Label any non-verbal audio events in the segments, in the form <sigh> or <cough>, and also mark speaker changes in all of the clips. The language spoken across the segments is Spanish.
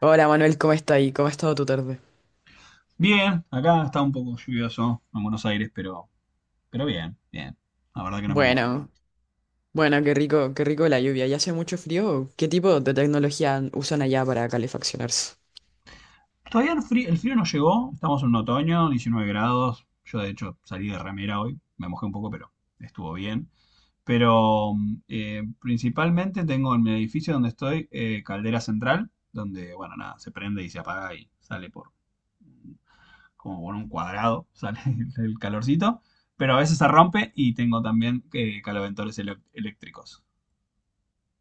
Speaker 1: Hola Manuel, ¿cómo está ahí? ¿Cómo ha estado tu tarde?
Speaker 2: Bien, acá está un poco lluvioso en Buenos Aires, pero bien, bien. La verdad que no me mojé
Speaker 1: Bueno,
Speaker 2: tanto.
Speaker 1: bueno, qué rico la lluvia. ¿Ya hace mucho frío? ¿Qué tipo de tecnología usan allá para calefaccionarse?
Speaker 2: Todavía el frío no llegó, estamos en un otoño, 19 grados. Yo de hecho salí de remera hoy, me mojé un poco, pero estuvo bien. Pero principalmente tengo en mi edificio donde estoy caldera central, donde, bueno, nada, se prende y se apaga y sale por como por un cuadrado, <laughs> sale el calorcito, pero a veces se rompe y tengo también eléctricos.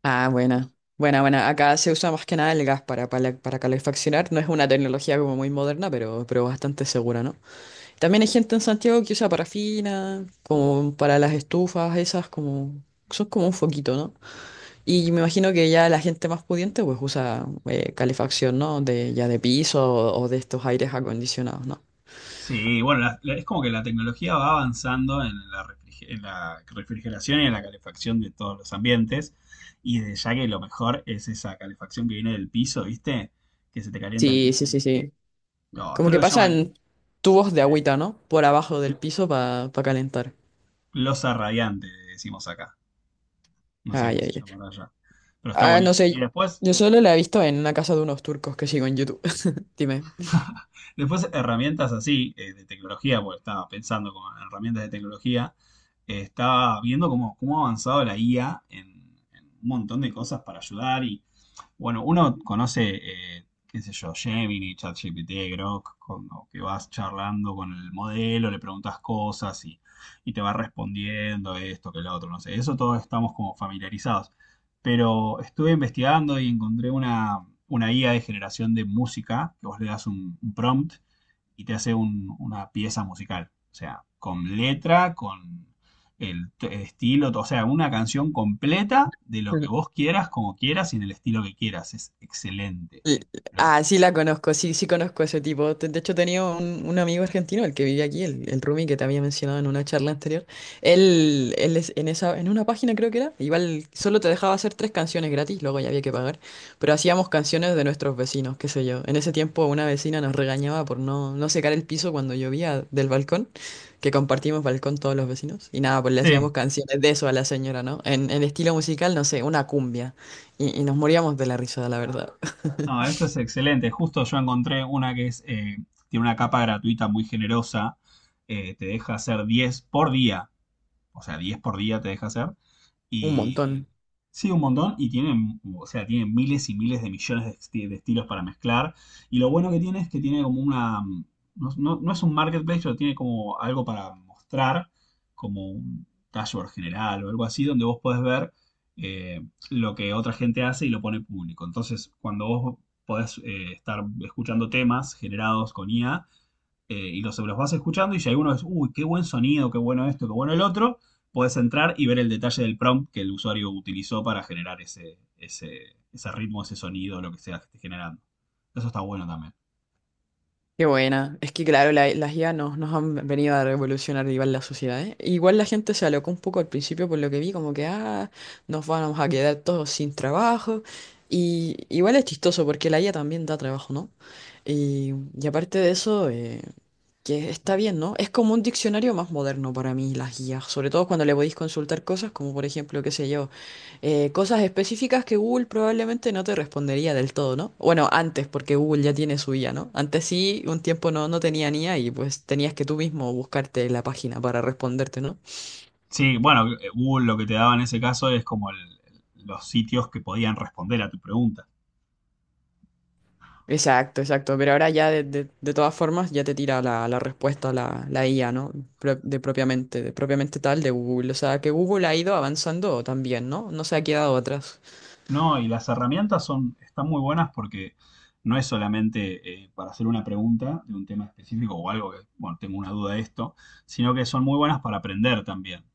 Speaker 1: Ah, buena, buena, buena. Acá se usa más que nada el gas para calefaccionar. No es una tecnología como muy moderna, pero bastante segura, ¿no? También hay gente en Santiago que usa parafina, como para las estufas, esas como... son como un foquito, ¿no? Y me imagino que ya la gente más pudiente pues usa calefacción, ¿no? De, ya de piso o de estos aires acondicionados, ¿no?
Speaker 2: Sí, bueno, es como que la tecnología va avanzando en la, en la refrigeración y en la calefacción de todos los ambientes. Y de ya que lo mejor es esa calefacción que viene del piso, ¿viste? Que se te calienta el
Speaker 1: Sí,
Speaker 2: piso
Speaker 1: sí,
Speaker 2: y
Speaker 1: sí,
Speaker 2: es que.
Speaker 1: sí.
Speaker 2: No,
Speaker 1: Como
Speaker 2: creo
Speaker 1: que
Speaker 2: que se llama
Speaker 1: pasan tubos de
Speaker 2: eh,
Speaker 1: agüita, ¿no? Por abajo del piso para calentar.
Speaker 2: losa radiante, decimos acá. No sé
Speaker 1: Ay,
Speaker 2: cómo
Speaker 1: ay,
Speaker 2: se
Speaker 1: ay.
Speaker 2: llamará allá. Pero está
Speaker 1: Ah, no
Speaker 2: buenísimo.
Speaker 1: sé. Yo solo la he visto en una casa de unos turcos que sigo en YouTube. <laughs> Dime.
Speaker 2: Después, herramientas así, de tecnología, porque estaba pensando con herramientas de tecnología, estaba viendo cómo, cómo ha avanzado la IA en un montón de cosas para ayudar. Y bueno, uno conoce, qué sé yo, Gemini, ChatGPT, Grok, cuando que vas charlando con el modelo, le preguntas cosas y te va respondiendo esto, que lo otro, no sé. Eso todos estamos como familiarizados. Pero estuve investigando y encontré una IA de generación de música, que vos le das un prompt y te hace una pieza musical. O sea, con letra, con el estilo, o sea, una canción completa de lo que vos quieras, como quieras y en el estilo que quieras. Es excelente.
Speaker 1: L-
Speaker 2: Pero,
Speaker 1: ah, sí la conozco, sí, sí conozco a ese tipo. Te- de hecho, tenía un amigo argentino, el que vivía aquí, el Rumi que te había mencionado en una charla anterior. En esa, en una página creo que era, igual solo te dejaba hacer tres canciones gratis, luego ya había que pagar. Pero hacíamos canciones de nuestros vecinos, qué sé yo. En ese tiempo una vecina nos regañaba por no secar el piso cuando llovía del balcón, que compartimos balcón todos los vecinos. Y nada, pues le
Speaker 2: sí,
Speaker 1: hacíamos canciones de eso a la señora, ¿no? En estilo musical, no sé, una cumbia. Y nos moríamos de la risa, la verdad.
Speaker 2: no, esto es excelente. Justo yo encontré una que es, tiene una capa gratuita muy generosa. Eh, te deja hacer 10 por día. O sea, 10 por día te deja hacer.
Speaker 1: Un
Speaker 2: Y
Speaker 1: montón.
Speaker 2: sí, un montón. Y tienen, o sea, tienen miles y miles de millones de, de estilos para mezclar. Y lo bueno que tiene es que tiene como una... No, no es un marketplace, pero tiene como algo para mostrar, como un dashboard general o algo así, donde vos podés ver eh, lo que otra gente hace y lo pone público. Entonces, cuando vos podés estar escuchando temas generados con IA, y los vas escuchando y si alguno es, uy, qué buen sonido, qué bueno esto, qué bueno el otro, puedes entrar y ver el detalle del prompt que el usuario utilizó para generar ese ritmo, ese sonido, lo que sea que esté generando. Eso está bueno también.
Speaker 1: Qué buena. Es que, claro, las IA nos, nos han venido a revolucionar igual la sociedad, ¿eh? Igual la gente se alocó un poco al principio por lo que vi, como que, ah, nos vamos a quedar todos sin trabajo. Y igual es chistoso porque la IA también da trabajo, ¿no? Y, y aparte de eso, que está bien, ¿no? Es como un diccionario más moderno para mí, las guías, sobre todo cuando le podéis consultar cosas como, por ejemplo, qué sé yo. Cosas específicas que Google probablemente no te respondería del todo, ¿no? Bueno, antes, porque Google ya tiene su IA, ¿no? Antes sí, un tiempo no, no tenía ni a y pues tenías que tú mismo buscarte la página para responderte, ¿no?
Speaker 2: Sí, bueno, Google lo que te daba en ese caso es como los sitios que podían responder a tu pregunta.
Speaker 1: Exacto, exacto. Pero ahora ya de todas formas ya te tira la, la respuesta la, la IA, ¿no? Pro- de propiamente tal de Google. O sea, que Google ha ido avanzando también, ¿no? No se ha quedado atrás.
Speaker 2: No, y las herramientas son, están muy buenas porque no es solamente para hacer una pregunta de un tema específico o algo que, bueno, tengo una duda de esto, sino que son muy buenas para aprender también.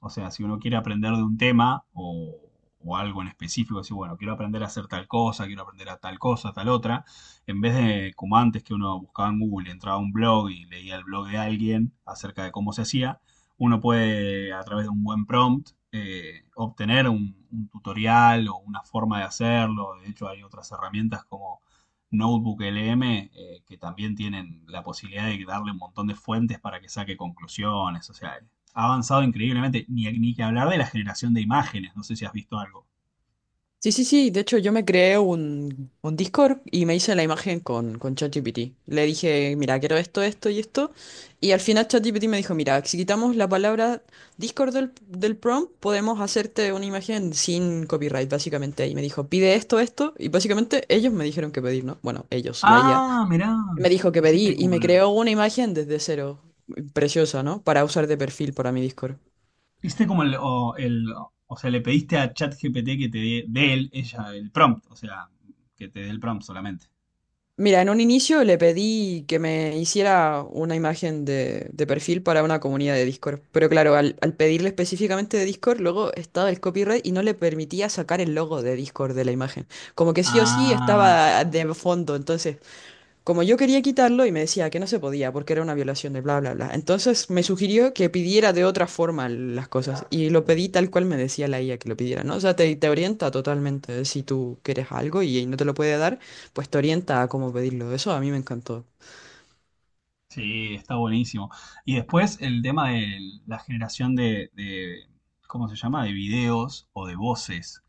Speaker 2: O sea, si uno quiere aprender de un tema o algo en específico, decir, bueno, quiero aprender a hacer tal cosa, quiero aprender a tal cosa, tal otra, en vez de como antes que uno buscaba en Google, entraba a un blog y leía el blog de alguien acerca de cómo se hacía, uno puede, a través de un buen prompt, obtener un tutorial o una forma de hacerlo. De hecho, hay otras herramientas como Notebook LM que también tienen la posibilidad de darle un montón de fuentes para que saque conclusiones. O sea, ha avanzado increíblemente. Ni que hablar de la generación de imágenes. No sé si has visto algo.
Speaker 1: Sí, sí, sí. De hecho, yo me creé un Discord y me hice la imagen con ChatGPT. Le dije, mira, quiero esto, esto y esto. Y al final ChatGPT me dijo, mira, si quitamos la palabra Discord del prompt, podemos hacerte una imagen sin copyright, básicamente. Y me dijo, pide esto, esto. Y básicamente ellos me dijeron que pedir, ¿no? Bueno, ellos, la IA.
Speaker 2: Ah, mirá.
Speaker 1: Me dijo que
Speaker 2: Hiciste
Speaker 1: pedir y
Speaker 2: como
Speaker 1: me
Speaker 2: el.
Speaker 1: creó una imagen desde cero. Preciosa, ¿no? Para usar de perfil para mi Discord.
Speaker 2: Hiciste como el. O, o sea, le pediste a ChatGPT que te dé, dé él, ella, el prompt. O sea, que te dé el prompt solamente.
Speaker 1: Mira, en un inicio le pedí que me hiciera una imagen de perfil para una comunidad de Discord. Pero claro, al pedirle específicamente de Discord, luego estaba el copyright y no le permitía sacar el logo de Discord de la imagen. Como que sí o sí
Speaker 2: Ah,
Speaker 1: estaba de fondo, entonces como yo quería quitarlo y me decía que no se podía porque era una violación de bla, bla, bla. Entonces me sugirió que pidiera de otra forma las cosas y lo pedí tal cual me decía la IA que lo pidiera, ¿no? O sea, te orienta totalmente. Si tú quieres algo y no te lo puede dar, pues te orienta a cómo pedirlo. Eso a mí me encantó.
Speaker 2: sí, está buenísimo. Y después el tema de la generación de, ¿cómo se llama? De videos o de voces.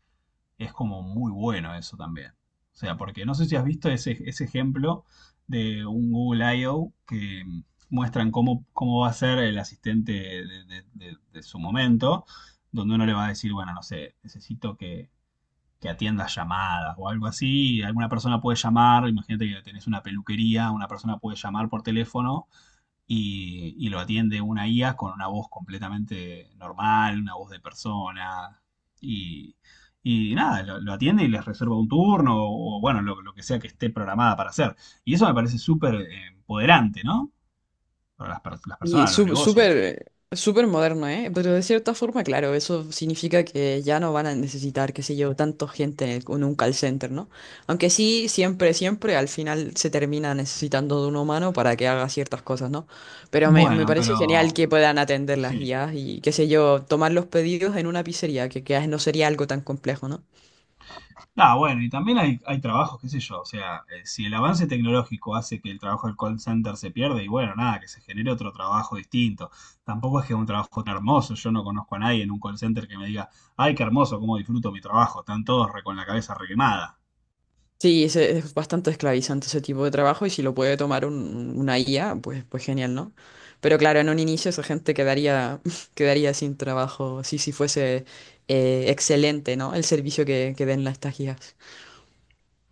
Speaker 2: Es como muy bueno eso también. O sea, porque no sé si has visto ese ejemplo de un Google I/O que muestran cómo, cómo va a ser el asistente de, de su momento, donde uno le va a decir, bueno, no sé, necesito que atiendas llamadas o algo así. Alguna persona puede llamar, imagínate que tenés una peluquería, una persona puede llamar por teléfono y lo atiende una IA con una voz completamente normal, una voz de persona. Y, y nada, lo atiende y les reserva un turno o bueno, lo que sea que esté programada para hacer. Y eso me parece súper empoderante, ¿no? Para las, las
Speaker 1: Y
Speaker 2: personas, los negocios.
Speaker 1: súper, súper moderno, ¿eh? Pero de cierta forma, claro, eso significa que ya no van a necesitar, qué sé yo, tanto gente en, en un call center, ¿no? Aunque sí, siempre, siempre al final se termina necesitando de un humano para que haga ciertas cosas, ¿no? Pero me
Speaker 2: Bueno,
Speaker 1: parece genial
Speaker 2: pero
Speaker 1: que puedan atender las
Speaker 2: sí.
Speaker 1: guías y, qué sé yo, tomar los pedidos en una pizzería, que no sería algo tan complejo, ¿no?
Speaker 2: Ah, bueno, y también hay trabajos, qué sé yo, o sea, si el avance tecnológico hace que el trabajo del call center se pierde, y bueno, nada, que se genere otro trabajo distinto. Tampoco es que es un trabajo tan hermoso, yo no conozco a nadie en un call center que me diga, ay, qué hermoso, cómo disfruto mi trabajo, están todos con la cabeza requemada.
Speaker 1: Sí, es bastante esclavizante ese tipo de trabajo y si lo puede tomar una IA, pues, pues genial, ¿no? Pero claro, en un inicio esa gente quedaría, <laughs> quedaría sin trabajo, sí, si fuese excelente, ¿no? El servicio que den las estas guías.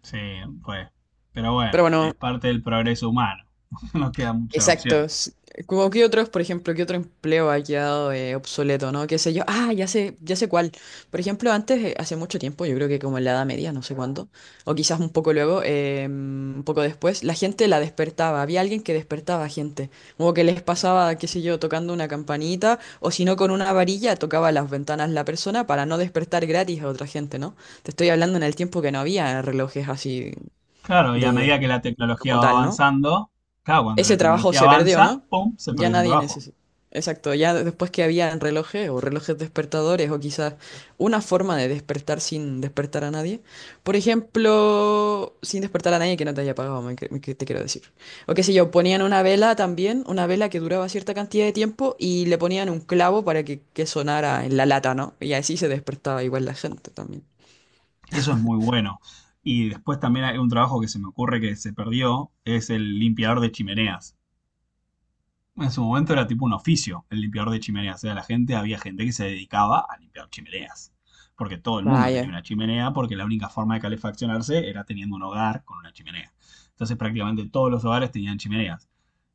Speaker 2: Sí, pues, pero
Speaker 1: Pero
Speaker 2: bueno, es
Speaker 1: bueno,
Speaker 2: parte del progreso humano, <laughs> no quedan muchas
Speaker 1: exacto.
Speaker 2: opciones.
Speaker 1: S- como que otros, por ejemplo, qué otro empleo ha quedado obsoleto, ¿no? Qué sé yo. Ah, ya sé cuál. Por ejemplo, antes, hace mucho tiempo, yo creo que como en la Edad Media, no sé cuándo, o quizás un poco luego, un poco después, la gente la despertaba. Había alguien que despertaba a gente. Como que les pasaba, qué sé yo, tocando una campanita, o si no, con una varilla tocaba las ventanas la persona para no despertar gratis a otra gente, ¿no? Te estoy hablando en el tiempo que no había relojes así
Speaker 2: Claro, y a
Speaker 1: de
Speaker 2: medida que la tecnología
Speaker 1: como
Speaker 2: va
Speaker 1: tal, ¿no?
Speaker 2: avanzando, claro, cuando la
Speaker 1: Ese trabajo
Speaker 2: tecnología
Speaker 1: se perdió,
Speaker 2: avanza,
Speaker 1: ¿no?
Speaker 2: ¡pum!, se
Speaker 1: Ya
Speaker 2: perdió ese
Speaker 1: nadie
Speaker 2: trabajo.
Speaker 1: necesita. Exacto, ya después que había relojes o relojes despertadores o quizás una forma de despertar sin despertar a nadie. Por ejemplo, sin despertar a nadie que no te haya pagado, me, te quiero decir. O qué sé yo, ponían una vela también, una vela que duraba cierta cantidad de tiempo y le ponían un clavo para que sonara en la lata, ¿no? Y así se despertaba igual la gente también.
Speaker 2: Eso es muy bueno. Y después también hay un trabajo que se me ocurre que se perdió, es el limpiador de chimeneas. En su momento era tipo un oficio, el limpiador de chimeneas. O sea, la gente, había gente que se dedicaba a limpiar chimeneas. Porque todo el mundo tenía
Speaker 1: Vaya.
Speaker 2: una chimenea, porque la única forma de calefaccionarse era teniendo un hogar con una chimenea. Entonces prácticamente todos los hogares tenían chimeneas.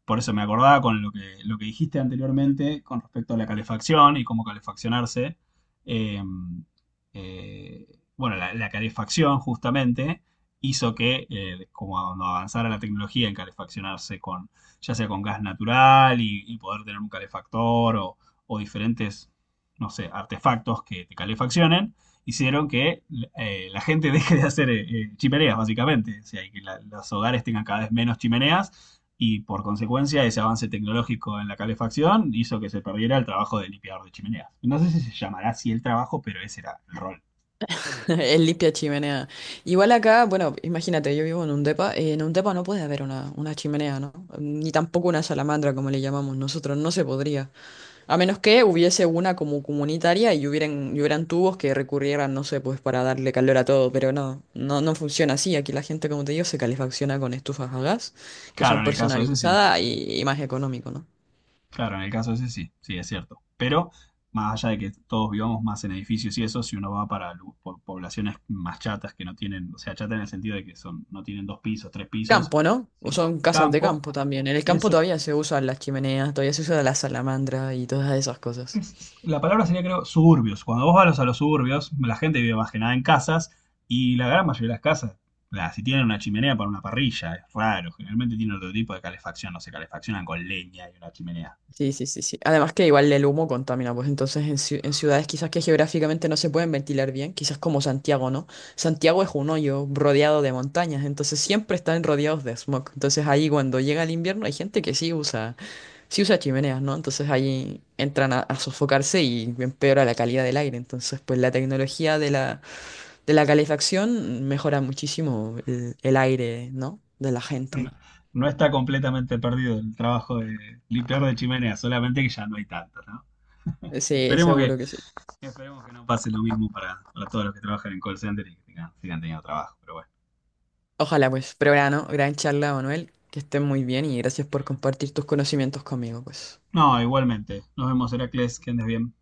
Speaker 2: Por eso me acordaba con lo que dijiste anteriormente con respecto a la calefacción y cómo calefaccionarse. Eh, eh, bueno, la calefacción justamente hizo que, como cuando avanzara la tecnología en calefaccionarse con, ya sea con gas natural y poder tener un calefactor o, diferentes, no sé, artefactos que te calefaccionen, hicieron que la gente <laughs> deje de hacer chimeneas, básicamente. O sea, que la, los hogares tengan cada vez menos chimeneas y por consecuencia ese avance tecnológico en la calefacción hizo que se perdiera el trabajo de limpiador de chimeneas. No sé si se llamará así el trabajo, pero ese era el rol.
Speaker 1: <laughs> El limpia chimenea. Igual acá, bueno, imagínate, yo vivo en un depa no puede haber una chimenea, ¿no? Ni tampoco una salamandra, como le llamamos nosotros, no se podría. A menos que hubiese una como comunitaria y hubieran tubos que recurrieran, no sé, pues para darle calor a todo, pero no, no, no funciona así. Aquí la gente, como te digo, se calefacciona con estufas a gas, que
Speaker 2: Claro,
Speaker 1: son
Speaker 2: en el caso ese sí.
Speaker 1: personalizadas y más económico, ¿no?
Speaker 2: Claro, en el caso ese sí. Sí, es cierto. Pero más allá de que todos vivamos más en edificios y eso, si uno va para poblaciones más chatas que no tienen, o sea, chata en el sentido de que son, no tienen dos pisos, tres pisos,
Speaker 1: Campo, ¿no? O
Speaker 2: sí,
Speaker 1: son casas de
Speaker 2: campo,
Speaker 1: campo también. En el campo
Speaker 2: eso,
Speaker 1: todavía se usan las chimeneas, todavía se usa la salamandra y todas esas cosas.
Speaker 2: la palabra sería, creo, suburbios. Cuando vos vas a los suburbios, la gente vive más que nada en casas y la gran mayoría de las casas, si tienen una chimenea para una parrilla, es raro. Generalmente tienen otro tipo de calefacción, no se calefaccionan con leña y una chimenea.
Speaker 1: Sí, sí, sí, sí. Además que igual el humo contamina, pues entonces en, en ciudades quizás que geográficamente no se pueden ventilar bien, quizás como Santiago, ¿no? Santiago es un hoyo rodeado de montañas, entonces siempre están rodeados de smog. Entonces ahí cuando llega el invierno hay gente que sí usa chimeneas, ¿no? Entonces ahí entran a sofocarse y empeora la calidad del aire. Entonces, pues la tecnología de la calefacción mejora muchísimo el aire, ¿no? De la
Speaker 2: No,
Speaker 1: gente.
Speaker 2: no está completamente perdido el trabajo de limpiar de chimenea, solamente que ya no hay tanto, ¿no?
Speaker 1: Sí,
Speaker 2: Esperemos que,
Speaker 1: seguro que sí.
Speaker 2: esperemos que no pase lo mismo para todos los que trabajan en call center y que sigan teniendo trabajo, pero bueno.
Speaker 1: Ojalá pues, pero gran, ¿no? Gran charla, Manuel, que estés muy bien y gracias por compartir tus conocimientos conmigo, pues.
Speaker 2: No, igualmente. Nos vemos, Heracles, que andes bien.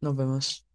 Speaker 1: Nos vemos.